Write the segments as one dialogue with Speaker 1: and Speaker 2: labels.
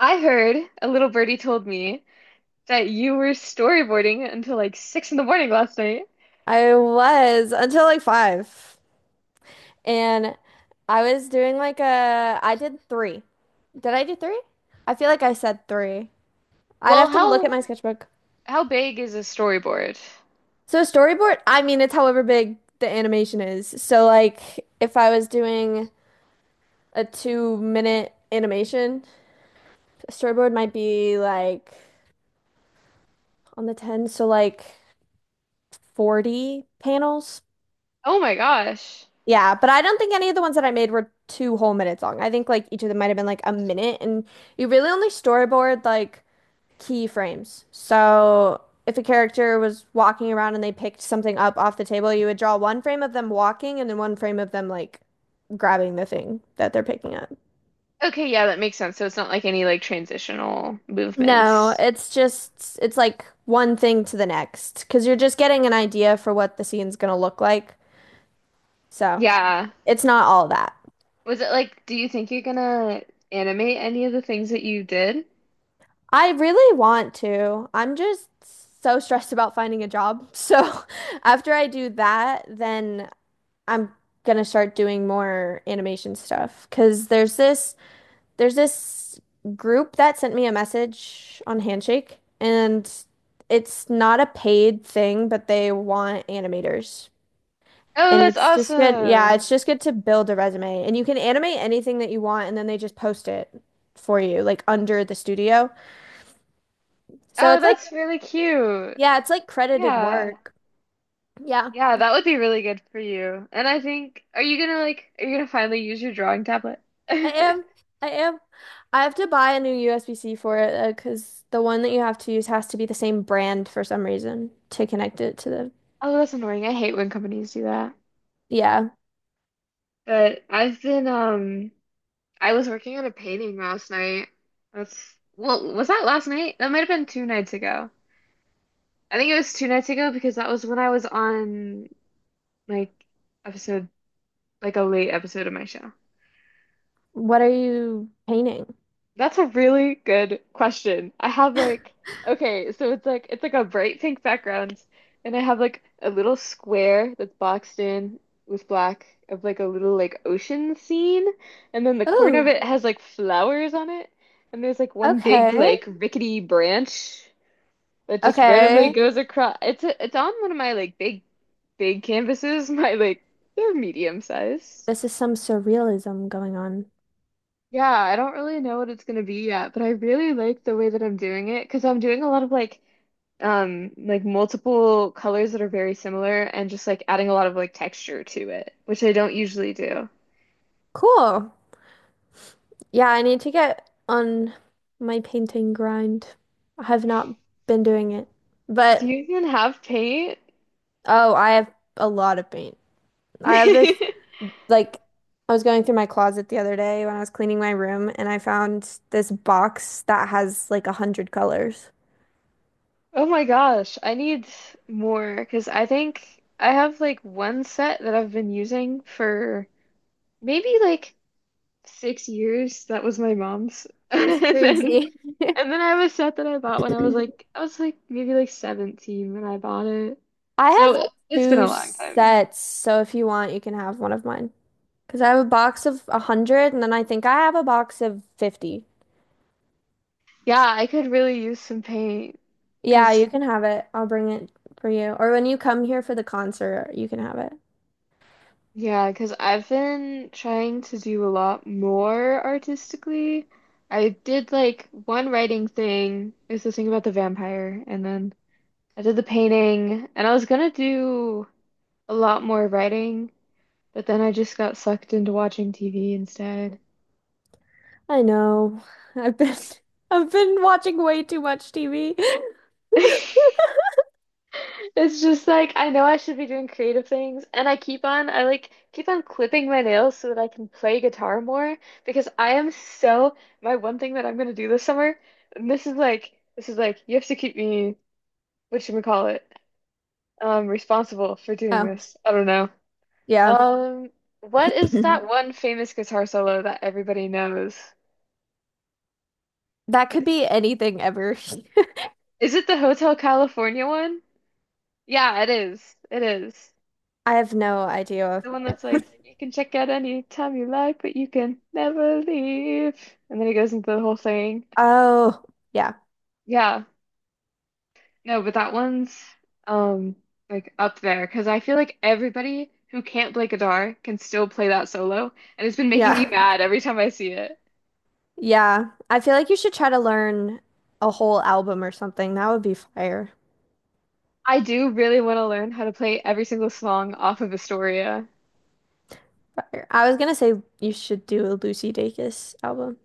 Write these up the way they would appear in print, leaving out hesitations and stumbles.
Speaker 1: I heard a little birdie told me that you were storyboarding until like six in the morning last night.
Speaker 2: I was until like five. And I was doing I did three. Did I do three? I feel like I said three. I'd
Speaker 1: Well,
Speaker 2: have to look at
Speaker 1: how
Speaker 2: my sketchbook.
Speaker 1: how big is a storyboard?
Speaker 2: So storyboard, I mean, it's however big the animation is. So like if I was doing a 2-minute animation, storyboard might be like on the 10, so like 40 panels.
Speaker 1: Oh my gosh.
Speaker 2: Yeah, but I don't think any of the ones that I made were two whole minutes long. I think like each of them might have been like a minute, and you really only storyboard like key frames. So if a character was walking around and they picked something up off the table, you would draw one frame of them walking and then one frame of them like grabbing the thing that they're picking up.
Speaker 1: Okay, yeah, that makes sense. So it's not like any like transitional
Speaker 2: No,
Speaker 1: movements.
Speaker 2: it's like one thing to the next because you're just getting an idea for what the scene's gonna look like. So
Speaker 1: Yeah.
Speaker 2: it's not all that.
Speaker 1: Was it like, do you think you're gonna animate any of the things that you did?
Speaker 2: I really want to. I'm just so stressed about finding a job. So after I do that, then I'm gonna start doing more animation stuff. 'Cause there's this group that sent me a message on Handshake, and it's not a paid thing, but they want animators.
Speaker 1: Oh,
Speaker 2: And
Speaker 1: that's
Speaker 2: it's just good. Yeah,
Speaker 1: awesome.
Speaker 2: it's just good to build a resume. And you can animate anything that you want, and then they just post it for you, like under the studio. So
Speaker 1: Oh,
Speaker 2: it's like
Speaker 1: that's really cute.
Speaker 2: yeah, it's like credited
Speaker 1: Yeah.
Speaker 2: work. Yeah,
Speaker 1: Yeah, that would be really good for you. And I think, are you gonna like, are you gonna finally use your drawing tablet?
Speaker 2: I am. I am. I have to buy a new USB-C for it 'cause because the one that you have to use has to be the same brand for some reason to connect it to the.
Speaker 1: Oh, that's annoying. I hate when companies do that.
Speaker 2: Yeah.
Speaker 1: But I've been, I was working on a painting last night. That's, well, was that last night? That might have been two nights ago. I think it was two nights ago because that was when I was on like episode, like a late episode of my show.
Speaker 2: What are you painting?
Speaker 1: That's a really good question. I have like okay, so it's like a bright pink background, and I have like a little square that's boxed in with black of like a little like ocean scene, and then the corner of
Speaker 2: Oh,
Speaker 1: it has like flowers on it, and there's like one big
Speaker 2: okay.
Speaker 1: like rickety branch that just randomly
Speaker 2: Okay.
Speaker 1: goes across. It's a, it's on one of my like big canvases, my like they're medium size.
Speaker 2: This is some surrealism going on.
Speaker 1: Yeah, I don't really know what it's gonna be yet, but I really like the way that I'm doing it because I'm doing a lot of like multiple colors that are very similar and just like adding a lot of like texture to it, which I don't usually do.
Speaker 2: Cool. Yeah, I need to get on my painting grind. I have not been doing it,
Speaker 1: Do
Speaker 2: but
Speaker 1: you even have paint?
Speaker 2: oh, I have a lot of paint. I have this. Like I was going through my closet the other day when I was cleaning my room and I found this box that has like 100 colors.
Speaker 1: Oh my gosh, I need more because I think I have like one set that I've been using for maybe like 6 years. That was my mom's.
Speaker 2: That's
Speaker 1: And then
Speaker 2: crazy.
Speaker 1: and then I have a set that I bought when I was like maybe like 17 when I bought it.
Speaker 2: I have
Speaker 1: So it's been
Speaker 2: two
Speaker 1: a long time.
Speaker 2: sets, so if you want, you can have one of mine. Because I have a box of 100 and then I think I have a box of 50.
Speaker 1: Yeah, I could really use some paint
Speaker 2: Yeah,
Speaker 1: because
Speaker 2: you can have it. I'll bring it for you. Or when you come here for the concert, you can have it.
Speaker 1: yeah, because I've been trying to do a lot more artistically. I did like one writing thing. It was this thing about the vampire, and then I did the painting, and I was gonna do a lot more writing. But then I just got sucked into watching TV instead.
Speaker 2: I know. I've been I've been watching way too much TV.
Speaker 1: It's just like I know I should be doing creative things, and I keep on I like keep on clipping my nails so that I can play guitar more because I am so my one thing that I'm gonna do this summer, and this is like you have to keep me what should we call it responsible for doing
Speaker 2: Oh,
Speaker 1: this. I don't know.
Speaker 2: yeah.
Speaker 1: Um what is that one famous guitar solo that everybody knows?
Speaker 2: That could
Speaker 1: It's,
Speaker 2: be anything ever.
Speaker 1: is it the Hotel California one? Yeah, it is. It is.
Speaker 2: I have no idea.
Speaker 1: The one that's like, you can check out any time you like, but you can never leave. And then he goes into the whole thing.
Speaker 2: Oh, yeah.
Speaker 1: Yeah. No, but that one's um like up there because I feel like everybody who can't play guitar can still play that solo. And it's been making me
Speaker 2: Yeah.
Speaker 1: mad every time I see it.
Speaker 2: Yeah. I feel like you should try to learn a whole album or something. That would be fire.
Speaker 1: I do really want to learn how to play every single song off of Astoria.
Speaker 2: Fire. I was gonna say you should do a Lucy Dacus album.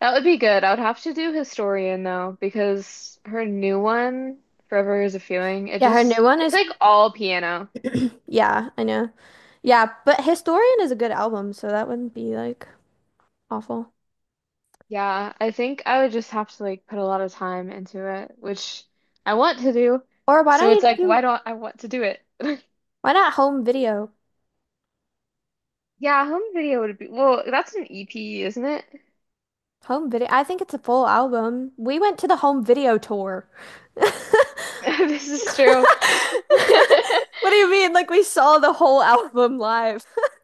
Speaker 1: That would be good. I would have to do Historian though, because her new one, Forever is a Feeling, it
Speaker 2: Yeah, her new
Speaker 1: just
Speaker 2: one
Speaker 1: it's
Speaker 2: is,
Speaker 1: like all piano.
Speaker 2: yeah, I know. Yeah, but Historian is a good album, so that wouldn't be like awful.
Speaker 1: Yeah, I think I would just have to like put a lot of time into it, which I want to do.
Speaker 2: Or why
Speaker 1: So
Speaker 2: don't
Speaker 1: it's
Speaker 2: you
Speaker 1: like, why
Speaker 2: do,
Speaker 1: don't I want to do it?
Speaker 2: Why not Home Video?
Speaker 1: Yeah, home video would be, well, that's an EP, isn't it?
Speaker 2: Home Video. I think it's a full album. We went to the Home Video tour.
Speaker 1: This is true.
Speaker 2: What do you mean? Like we saw the whole album live.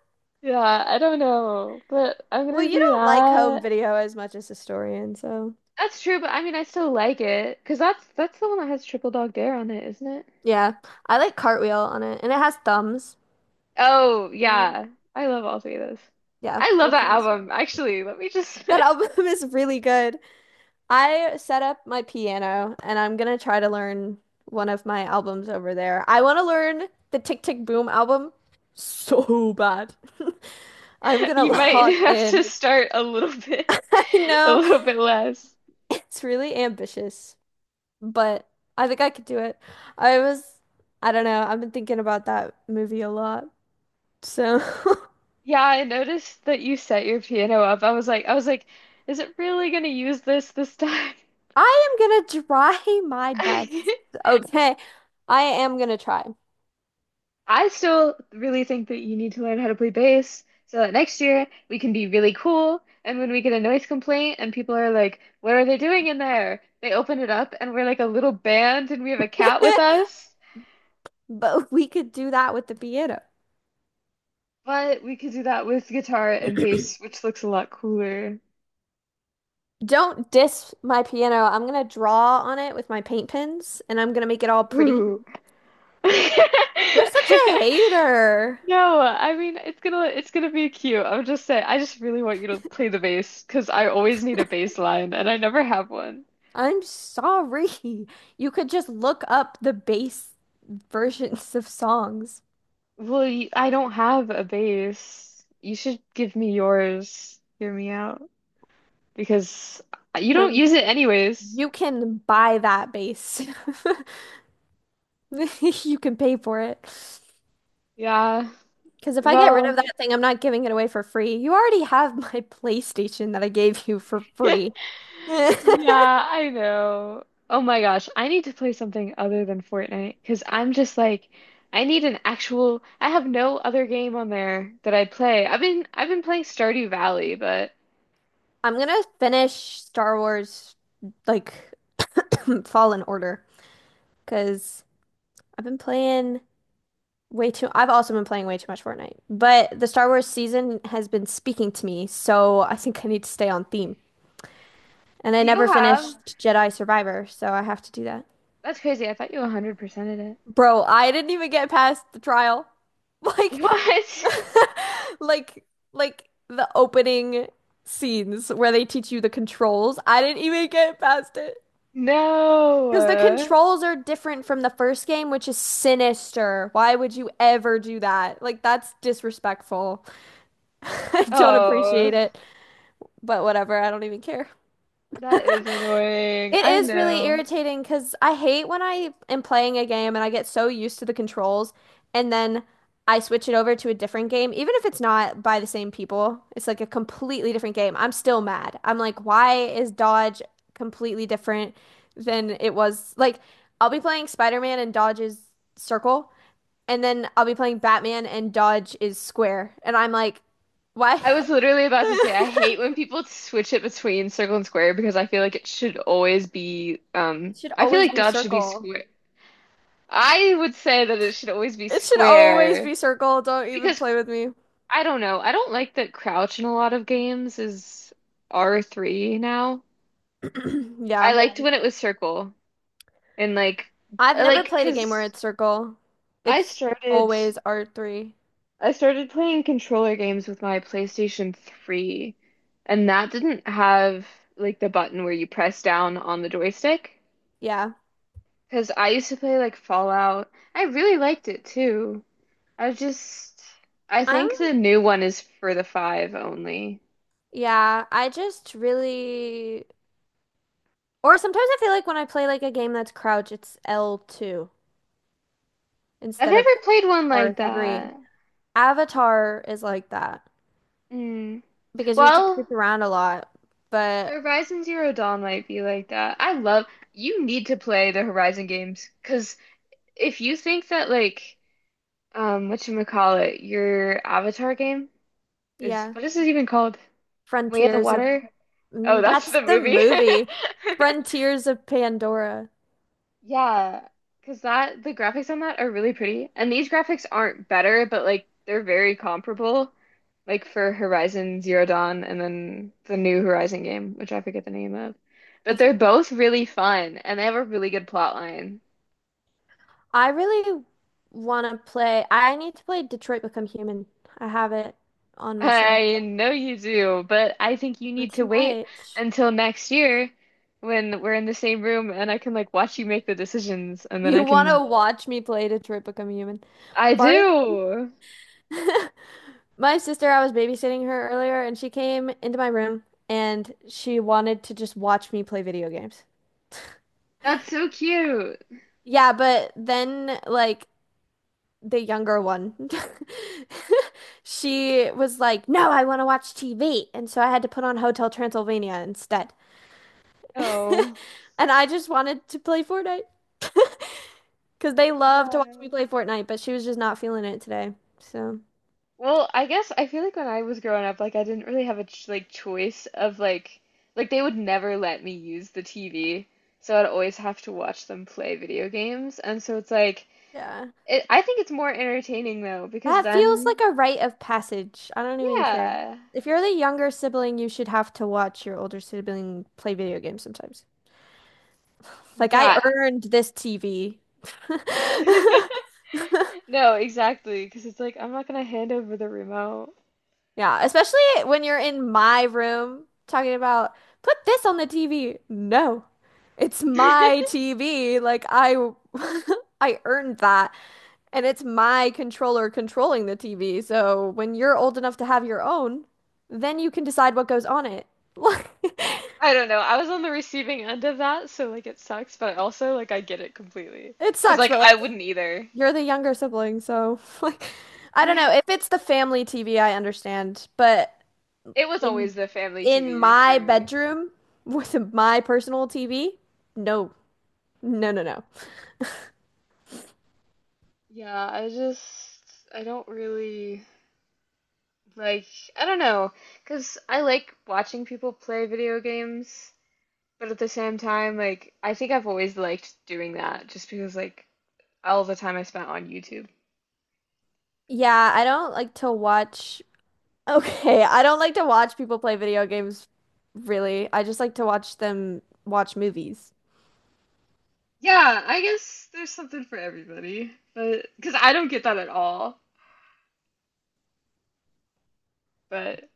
Speaker 1: Yeah, I don't know, but I'm
Speaker 2: Well,
Speaker 1: gonna
Speaker 2: you
Speaker 1: do
Speaker 2: don't like home
Speaker 1: that.
Speaker 2: video as much as Historian, so
Speaker 1: That's true, but I mean, I still like it because that's the one that has Triple Dog Dare on it, isn't it?
Speaker 2: yeah. I like Cartwheel on it, and it has thumbs.
Speaker 1: Oh,
Speaker 2: Mm,
Speaker 1: yeah. I love all three of those.
Speaker 2: yeah,
Speaker 1: I love
Speaker 2: that
Speaker 1: that
Speaker 2: sounds.
Speaker 1: album. Actually, let me just
Speaker 2: That album is really good. I set up my piano, and I'm gonna try to learn one of my albums over there. I want to learn the Tick Tick Boom album so bad. I'm gonna
Speaker 1: you might
Speaker 2: lock
Speaker 1: have to
Speaker 2: in.
Speaker 1: start a little bit
Speaker 2: I
Speaker 1: a
Speaker 2: know
Speaker 1: little bit less.
Speaker 2: it's really ambitious, but I think I could do it. I was, I don't know, I've been thinking about that movie a lot. So
Speaker 1: Yeah, I noticed that you set your piano up. Is it really gonna use this time?
Speaker 2: I am gonna try my best. Okay, I am gonna try.
Speaker 1: I still really think that you need to learn how to play bass so that next year we can be really cool. And when we get a noise complaint and people are like, what are they doing in there? They open it up and we're like a little band and we have a cat with us.
Speaker 2: But we could do that with the piano.
Speaker 1: But we could do that with guitar and bass, which looks a lot cooler.
Speaker 2: Don't diss my piano. I'm gonna draw on it with my paint pens and I'm gonna make it all pretty.
Speaker 1: Ooh.
Speaker 2: You're such a hater.
Speaker 1: No, I mean it's gonna be cute. I'm just saying I just really want you to play the bass because I always need a bass line and I never have one.
Speaker 2: I'm sorry. You could just look up the bass versions of songs.
Speaker 1: Well, I don't have a base. You should give me yours. Hear me out. Because you don't
Speaker 2: Um.
Speaker 1: use it anyways.
Speaker 2: You can buy that base. You can pay for it.
Speaker 1: Yeah.
Speaker 2: Because if I get rid of
Speaker 1: Well,
Speaker 2: that thing, I'm not giving it away for free. You already have my PlayStation that I gave you for free. I'm
Speaker 1: yeah, I know. Oh my gosh, I need to play something other than Fortnite because I'm just like, I need an actual, I have no other game on there that I play. I've been playing Stardew Valley, but
Speaker 2: gonna finish Star Wars like Fallen Order because I've been playing way too. I've also been playing way too much Fortnite, but the Star Wars season has been speaking to me, so I think I need to stay on theme. And I
Speaker 1: do
Speaker 2: never
Speaker 1: you have?
Speaker 2: finished Jedi Survivor, so I have to do that.
Speaker 1: That's crazy. I thought you 100%ed it.
Speaker 2: Bro, I didn't even get past the trial. Like,
Speaker 1: What?
Speaker 2: like, the opening scenes where they teach you the controls. I didn't even get past it.
Speaker 1: No.
Speaker 2: Because the controls are different from the first game, which is sinister. Why would you ever do that? Like, that's disrespectful. I don't appreciate
Speaker 1: Oh,
Speaker 2: it, but whatever. I don't even care.
Speaker 1: that is annoying.
Speaker 2: It
Speaker 1: I
Speaker 2: is really
Speaker 1: know.
Speaker 2: irritating because I hate when I am playing a game and I get so used to the controls and then I switch it over to a different game, even if it's not by the same people. It's like a completely different game. I'm still mad. I'm like, why is Dodge completely different than it was? Like, I'll be playing Spider-Man and Dodge is circle, and then I'll be playing Batman and Dodge is square. And I'm like, why?
Speaker 1: I was literally about to say I hate when people switch it between circle and square because I feel like it should always be
Speaker 2: It should
Speaker 1: I feel
Speaker 2: always
Speaker 1: like
Speaker 2: be
Speaker 1: dot should be
Speaker 2: circle.
Speaker 1: square. I would say that it should always be
Speaker 2: It should always
Speaker 1: square
Speaker 2: be circle. Don't even
Speaker 1: because
Speaker 2: play with me.
Speaker 1: I don't know. I don't like that crouch in a lot of games is R3 now. I
Speaker 2: Yeah.
Speaker 1: liked when it was circle and like
Speaker 2: I've
Speaker 1: I
Speaker 2: never
Speaker 1: like
Speaker 2: played a game where
Speaker 1: because
Speaker 2: it's circle.
Speaker 1: I
Speaker 2: It's
Speaker 1: started
Speaker 2: always R3.
Speaker 1: I started playing controller games with my PlayStation 3, and that didn't have like the button where you press down on the joystick.
Speaker 2: Yeah.
Speaker 1: Because I used to play like Fallout. I really liked it too. I just, I think
Speaker 2: I'm,
Speaker 1: the new one is for the five only.
Speaker 2: yeah, or sometimes I feel like when I play like a game that's crouch, it's L2
Speaker 1: I've
Speaker 2: instead of
Speaker 1: never played one like
Speaker 2: R3.
Speaker 1: that.
Speaker 2: Avatar is like that
Speaker 1: Mm.
Speaker 2: because you have to
Speaker 1: Well,
Speaker 2: creep around a lot. But
Speaker 1: Horizon Zero Dawn might be like that. I love, you need to play the Horizon games because if you think that like whatchamacallit, your Avatar game is
Speaker 2: yeah,
Speaker 1: what is it even called? Way of the
Speaker 2: Frontiers of,
Speaker 1: Water? Oh, that's
Speaker 2: that's
Speaker 1: the
Speaker 2: the
Speaker 1: movie.
Speaker 2: movie. Frontiers of Pandora.
Speaker 1: Yeah, because that the graphics on that are really pretty. And these graphics aren't better, but like they're very comparable. Like for Horizon Zero Dawn and then the new Horizon game, which I forget the name of.
Speaker 2: I
Speaker 1: But
Speaker 2: see.
Speaker 1: they're both really fun and they have a really good plot line.
Speaker 2: I really want to play. I need to play Detroit Become Human. I have it on my shelf.
Speaker 1: I know you do, but I think you
Speaker 2: Not
Speaker 1: need to
Speaker 2: too
Speaker 1: wait
Speaker 2: much.
Speaker 1: until next year when we're in the same room and I can like watch you make the decisions and then
Speaker 2: You
Speaker 1: I
Speaker 2: want to
Speaker 1: can.
Speaker 2: watch me play Detroit Become Human?
Speaker 1: I
Speaker 2: Part
Speaker 1: do.
Speaker 2: my sister, I was babysitting her earlier, and she came into my room and she wanted to just watch me play video games.
Speaker 1: That's so cute.
Speaker 2: Yeah, but then like the younger one, she was like, "No, I want to watch TV," and so I had to put on Hotel Transylvania instead.
Speaker 1: Oh.
Speaker 2: And I just wanted to play Fortnite because they love to watch me
Speaker 1: Yeah.
Speaker 2: play Fortnite, but she was just not feeling it today. So,
Speaker 1: Well, I guess I feel like when I was growing up, like I didn't really have a ch like choice of like they would never let me use the TV, so I'd always have to watch them play video games, and so it's like
Speaker 2: yeah.
Speaker 1: it, I think it's more entertaining though because
Speaker 2: That feels like
Speaker 1: then
Speaker 2: a rite of passage. I don't even care.
Speaker 1: yeah.
Speaker 2: If you're the younger sibling, you should have to watch your older sibling play video games sometimes. Like, I
Speaker 1: Yeah.
Speaker 2: earned this TV.
Speaker 1: No, exactly. Because it's like, I'm not going to hand over the remote.
Speaker 2: Yeah, especially when you're in my room talking about put this on the TV. No, it's
Speaker 1: I
Speaker 2: my TV. Like I I earned that and it's my controller controlling the TV. So when you're old enough to have your own, then you can decide what goes on it. Like
Speaker 1: don't know. I was on the receiving end of that, so like it sucks, but I also like I get it completely.
Speaker 2: it
Speaker 1: Because
Speaker 2: sucks,
Speaker 1: like
Speaker 2: but
Speaker 1: I
Speaker 2: like
Speaker 1: wouldn't either.
Speaker 2: you're the younger sibling, so like I don't
Speaker 1: Yeah.
Speaker 2: know. If it's the family TV, I understand, but
Speaker 1: It was
Speaker 2: in
Speaker 1: always the family
Speaker 2: in
Speaker 1: TV for
Speaker 2: my
Speaker 1: me.
Speaker 2: bedroom with my personal TV. No, no, no, no.
Speaker 1: Yeah, I just I don't really like I don't know, 'cause I like watching people play video games, but at the same time like I think I've always liked doing that just because like all the time I spent on YouTube.
Speaker 2: Yeah, I don't like to watch. Okay, I don't like to watch people play video games, really. I just like to watch them watch movies.
Speaker 1: Yeah, I guess there's something for everybody, but because I don't get that at all, but